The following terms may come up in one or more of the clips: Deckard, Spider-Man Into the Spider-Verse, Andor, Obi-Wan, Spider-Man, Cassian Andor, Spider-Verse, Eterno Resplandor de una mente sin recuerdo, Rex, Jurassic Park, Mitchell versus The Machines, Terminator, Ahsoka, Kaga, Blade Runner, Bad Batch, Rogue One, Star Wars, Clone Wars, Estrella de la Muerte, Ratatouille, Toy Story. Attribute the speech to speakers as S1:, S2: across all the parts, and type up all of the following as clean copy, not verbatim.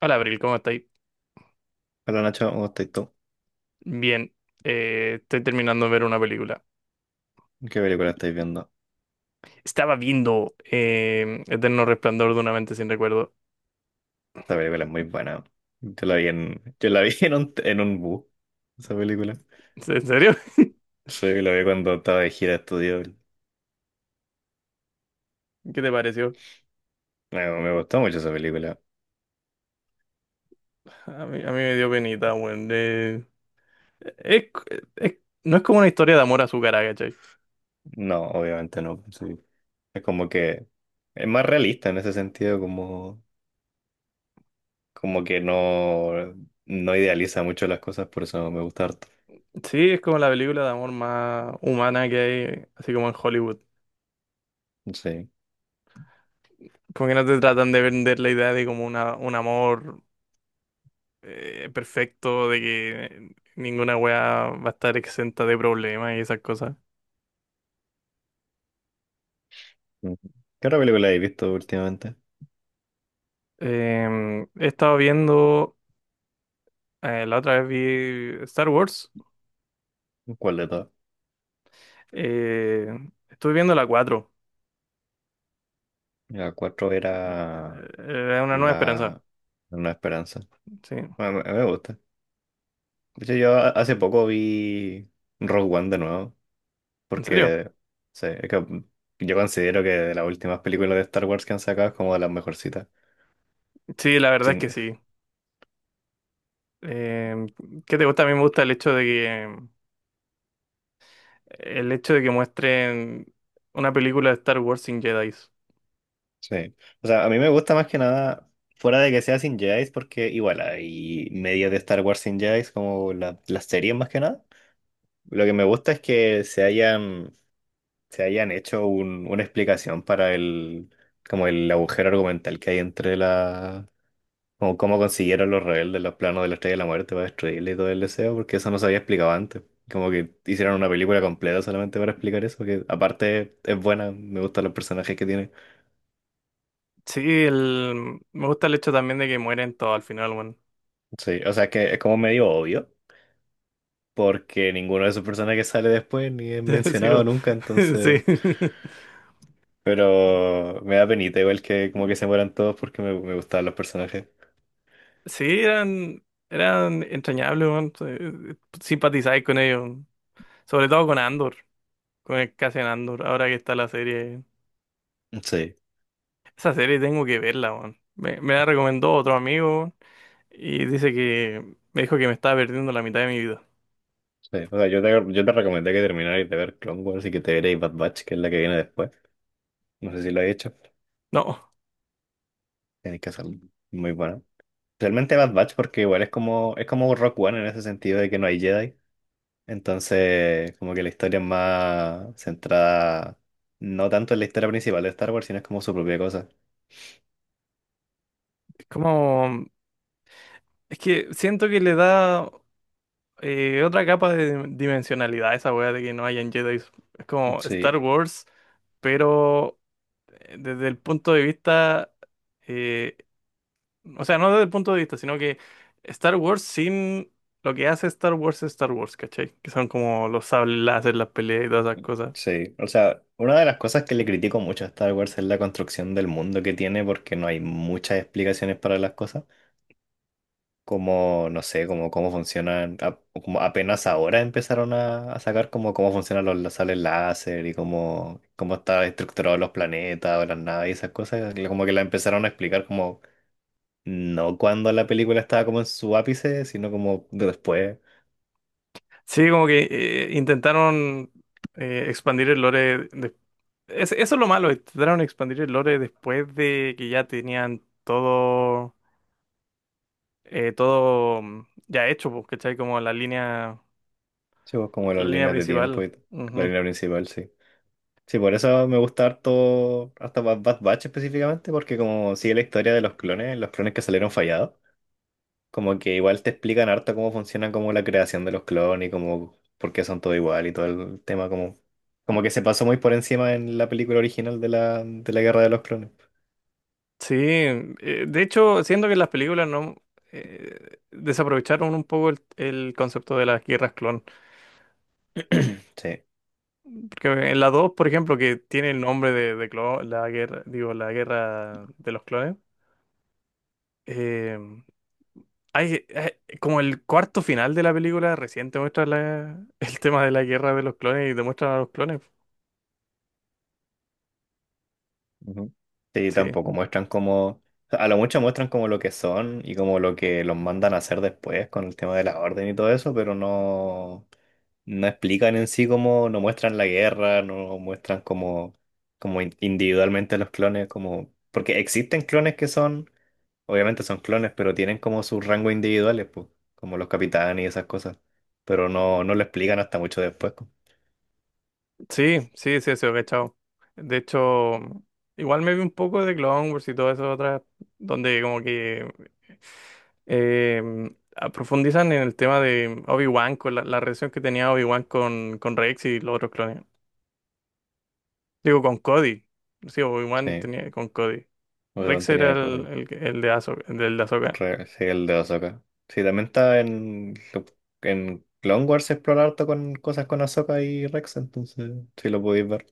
S1: Hola, Abril, ¿cómo estáis?
S2: Hola Nacho, ¿cómo estáis tú?
S1: Bien, estoy terminando de ver una película.
S2: ¿Qué película estáis viendo?
S1: Estaba viendo Eterno Resplandor de una mente sin recuerdo.
S2: Esta película es muy buena. Yo la vi yo la vi en un bus, esa película.
S1: ¿En serio?
S2: Sí, la vi cuando estaba de gira de estudio.
S1: ¿Qué te pareció?
S2: Me gustó mucho esa película.
S1: A mí me dio penita, weón. Es- es- no es como una historia de amor azucarada, ¿cachai?
S2: No, obviamente no, pues sí. Es como que es más realista en ese sentido, como, como que no idealiza mucho las cosas, por eso me gusta harto.
S1: Sí, es como la película de amor más humana que hay, así como en Hollywood.
S2: Sí.
S1: Porque no te tratan de vender la idea de como un amor perfecto, de que ninguna weá va a estar exenta de problemas y esas cosas.
S2: Ujú. ¿Qué otra película habéis visto últimamente?
S1: He estado viendo, la otra vez vi Star Wars.
S2: ¿Cuál de todas?
S1: Eh, estuve viendo la 4.
S2: La cuatro
S1: Eh,
S2: era
S1: una nueva esperanza.
S2: la Una Esperanza.
S1: Sí.
S2: Bueno, me gusta. De hecho, yo hace poco vi Rogue One de nuevo,
S1: ¿En serio?
S2: porque sí, es que yo considero que de las últimas películas de Star Wars que han sacado es como de las mejorcitas.
S1: Sí, la verdad es
S2: Sin-
S1: que sí. Em, ¿qué te gusta? A mí me gusta el hecho de que, el hecho de que muestren una película de Star Wars sin Jedi.
S2: sí. O sea, a mí me gusta más que nada, fuera de que sea sin Jedi, porque igual hay medios de Star Wars sin Jedi, como las series más que nada. Lo que me gusta es que se hayan hecho una explicación para el, como el agujero argumental que hay entre la. Como cómo consiguieron los rebeldes los planos de la Estrella de la Muerte para destruirle y todo el deseo, porque eso no se había explicado antes. Como que hicieron una película completa solamente para explicar eso, que aparte es buena, me gustan los personajes que tiene.
S1: Sí, me gusta el hecho también de que mueren todos al final, bueno.
S2: Sí, o sea, es que es como medio obvio, porque ninguno de esos personajes sale después ni es mencionado nunca,
S1: Sí,
S2: entonces.
S1: sí.
S2: Pero me da penita igual que como que se mueran todos porque me gustaban los personajes.
S1: Sí, eran entrañables, weón. Simpatizáis con ellos. Sobre todo con Andor, con el Cassian Andor, ahora que está la serie.
S2: Sí,
S1: Esa serie tengo que verla, weón. Me la recomendó otro amigo weón, y dice que me dijo que me estaba perdiendo la mitad de mi vida.
S2: sí. O sea, yo te recomendé que terminarais de ver Clone Wars y que te vierais Bad Batch, que es la que viene después. No sé si lo he hecho.
S1: No,
S2: Tiene que ser muy bueno. Realmente Bad Batch porque igual es como Rock One en ese sentido de que no hay Jedi. Entonces, como que la historia es más centrada, no tanto en la historia principal de Star Wars, sino es como su propia cosa.
S1: es como... Es que siento que le da otra capa de dimensionalidad a esa weá de que no hayan Jedi. Es como Star
S2: Sí,
S1: Wars, pero desde el punto de vista... eh, o sea, no desde el punto de vista, sino que Star Wars sin lo que hace Star Wars es Star Wars, ¿cachai? Que son como los sables láser, las peleas y todas esas cosas.
S2: sí. O sea, una de las cosas que le critico mucho a Star Wars es la construcción del mundo que tiene porque no hay muchas explicaciones para las cosas, como, no sé, como cómo funcionan, como apenas ahora empezaron a sacar como cómo funcionan los láseres láser y cómo, cómo están estructurados los planetas o las naves y esas cosas, como que la empezaron a explicar como no cuando la película estaba como en su ápice, sino como de después,
S1: Sí, como que intentaron expandir el lore. Eso es lo malo, intentaron expandir el lore después de que ya tenían todo, ya hecho, pues, ¿cachai?
S2: sí, pues, como
S1: La
S2: las
S1: línea
S2: líneas de tiempo
S1: principal.
S2: y la línea principal, sí. Sí, por eso me gusta harto, hasta Bad Bad Batch específicamente, porque como sigue la historia de los clones que salieron fallados. Como que igual te explican harto cómo funciona como la creación de los clones y como por qué son todo igual y todo el tema como como que se pasó muy por encima en la película original de la Guerra de los Clones.
S1: Sí, de hecho, siento que las películas no desaprovecharon un poco el concepto de las guerras clon.
S2: Sí.
S1: Porque en la 2, por ejemplo, que tiene el nombre de la guerra, digo, la guerra de los clones, eh, como el cuarto final de la película recién te muestra el tema de la guerra de los clones y te muestran a los clones.
S2: Ujú. Sí,
S1: Sí,
S2: tampoco muestran como a lo mucho muestran como lo que son y como lo que los mandan a hacer después con el tema de la orden y todo eso, pero no no explican en sí cómo, no muestran la guerra, no muestran cómo, cómo individualmente los clones, como, porque existen clones que son, obviamente son clones, pero tienen como sus rangos individuales, pues, como los capitanes y esas cosas, pero no, no lo explican hasta mucho después, pues.
S1: sí, cachado. De hecho, igual me vi un poco de Clone Wars y todo eso otras, donde como que profundizan en el tema de Obi-Wan, con la relación que tenía Obi-Wan con Rex y los otros clones. Digo, con Cody. Sí, Obi-Wan
S2: Sí,
S1: tenía con Cody.
S2: Obi-Wan
S1: Rex era
S2: tenía COVID.
S1: el de Ahsoka, el del de Ahsoka.
S2: Sí, el de Ahsoka. Sí, también está en en Clone Wars se explora harto con cosas con Ahsoka y Rex, entonces sí lo podéis ver.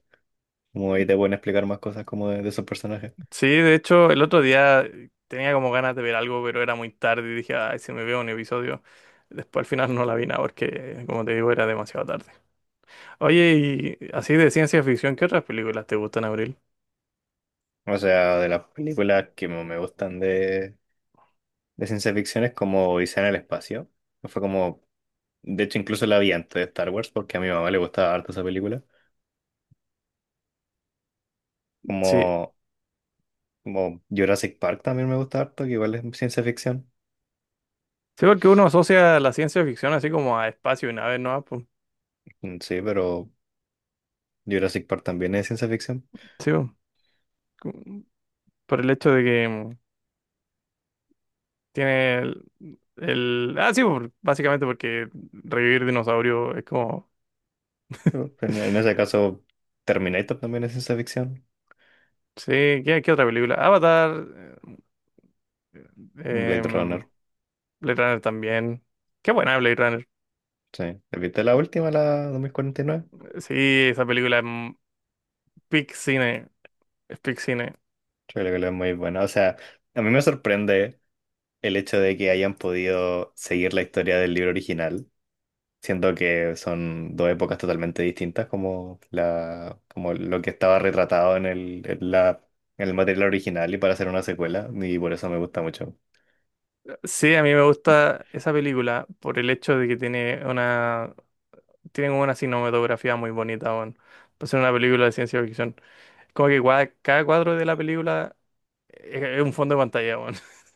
S2: Como ahí te pueden explicar más cosas como de esos personajes.
S1: Sí, de hecho, el otro día tenía como ganas de ver algo, pero era muy tarde y dije, ay, si me veo un episodio. Después al final no la vi nada porque, como te digo, era demasiado tarde. Oye, y así de ciencia ficción, ¿qué otras películas te gustan, Abril?
S2: O sea, de las películas que me gustan de ciencia ficción es como Odisea en el espacio. Fue como, de hecho, incluso la vi antes de Star Wars porque a mi mamá le gustaba harto esa película.
S1: Sí.
S2: Como, como Jurassic Park también me gusta harto, que igual es ciencia ficción.
S1: Sí, porque uno asocia la ciencia ficción así como a espacio y naves, ¿no? Pues,
S2: Mm, sí, pero Jurassic Park también es ciencia ficción.
S1: sí, po, como por el hecho de que tiene ah, sí, por- básicamente porque revivir dinosaurios es como...
S2: Pero en ese caso, Terminator también es ciencia ficción.
S1: Sí, ¿qué otra película? Avatar, eh,
S2: Blade
S1: em,
S2: Runner,
S1: Blade Runner también. Qué buena Blade Runner.
S2: sí. ¿Viste la última, la 2049?
S1: Sí, esa película es peak cine, es peak cine.
S2: Yo creo que la es muy buena. O sea, a mí me sorprende el hecho de que hayan podido seguir la historia del libro original, siendo que son dos épocas totalmente distintas, como, la, como lo que estaba retratado en el, en la, en el material original y para hacer una secuela, y por eso me gusta mucho.
S1: Sí, a mí me gusta esa película por el hecho de que tiene una... tienen una cinematografía muy bonita, weón. Para ser una película de ciencia ficción. Es como que cada cuadro de la película es un fondo de pantalla, weón.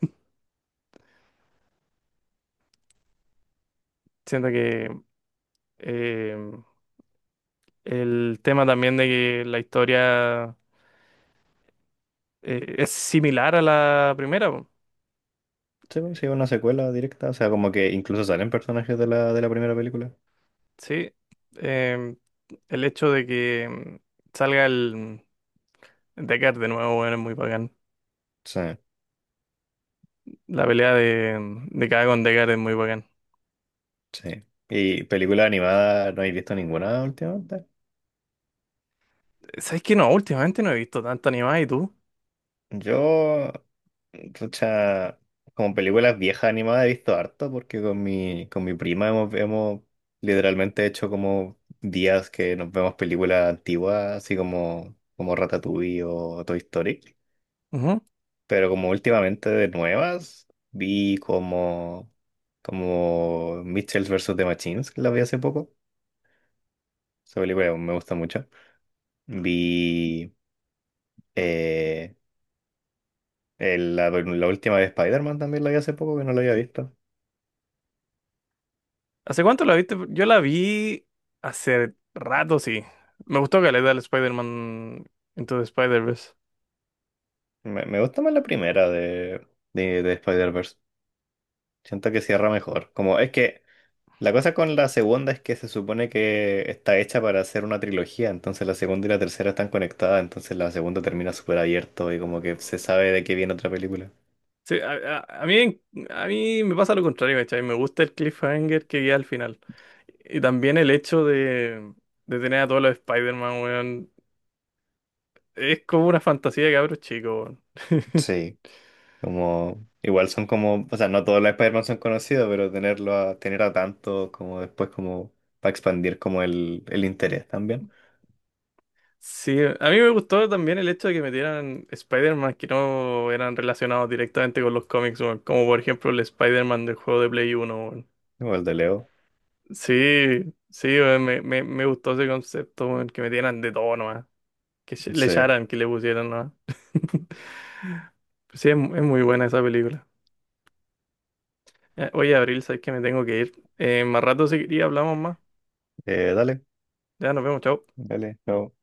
S1: Siento que eh, el tema también de que la historia es similar a la primera, weón.
S2: Sí, bueno, sí, una secuela directa, o sea, como que incluso salen personajes de la primera película.
S1: Sí. Eh, el hecho de que salga el Deckard de nuevo, weón, es muy bacán.
S2: Sí,
S1: La pelea de Kaga con Deckard es muy bacán.
S2: sí. ¿Y película animada no he visto ninguna últimamente?
S1: ¿Sabes qué? No, últimamente no he visto tanto animada, ¿y tú?
S2: Yo Pucha, como películas viejas animadas he visto harto porque con mi prima hemos, hemos literalmente hecho como días que nos vemos películas antiguas, así como, como Ratatouille o Toy Story.
S1: Ujú.
S2: Pero como últimamente de nuevas, vi como, como Mitchell versus The Machines, que la vi hace poco. Esa película me gusta mucho. Vi eh, la última de Spider-Man también la vi hace poco, que no la había visto.
S1: ¿Hace cuánto la viste? Yo la vi hace rato, sí. Me gustó que le da el Spider-Man Into the Spider-Verse.
S2: Me gusta más la primera de Spider-Verse. Siento que cierra mejor. Como es que la cosa con la segunda es que se supone que está hecha para hacer una trilogía, entonces la segunda y la tercera están conectadas, entonces la segunda termina súper abierto y como que se sabe de qué viene otra película.
S1: Sí, a mí me pasa lo contrario, ¿cachai? Me gusta el cliffhanger que vi al final. Y también el hecho de tener a todos los Spider-Man, weón. Es como una fantasía de cabros chicos, weón.
S2: Sí, como, igual son como, o sea, no todos los Spider-Man son conocidos, pero tenerlo a, tener a tanto como después como para expandir como el interés también.
S1: Sí, a mí me gustó también el hecho de que metieran Spider-Man que no eran relacionados directamente con los cómics, weón. Como por ejemplo el Spider-Man del juego de Play uno, weón.
S2: Igual de Leo.
S1: Sí, sí, weón, me gustó ese concepto, weón, que metieran de todo nomás, que le
S2: Sí.
S1: echaran, que le pusieran nomás. Pues sí, es, es muy buena esa película. Ya, oye, Abril, sabes que me tengo que ir. Más rato si quería hablamos más.
S2: Dale,
S1: Ya nos vemos, chao.
S2: dale. No.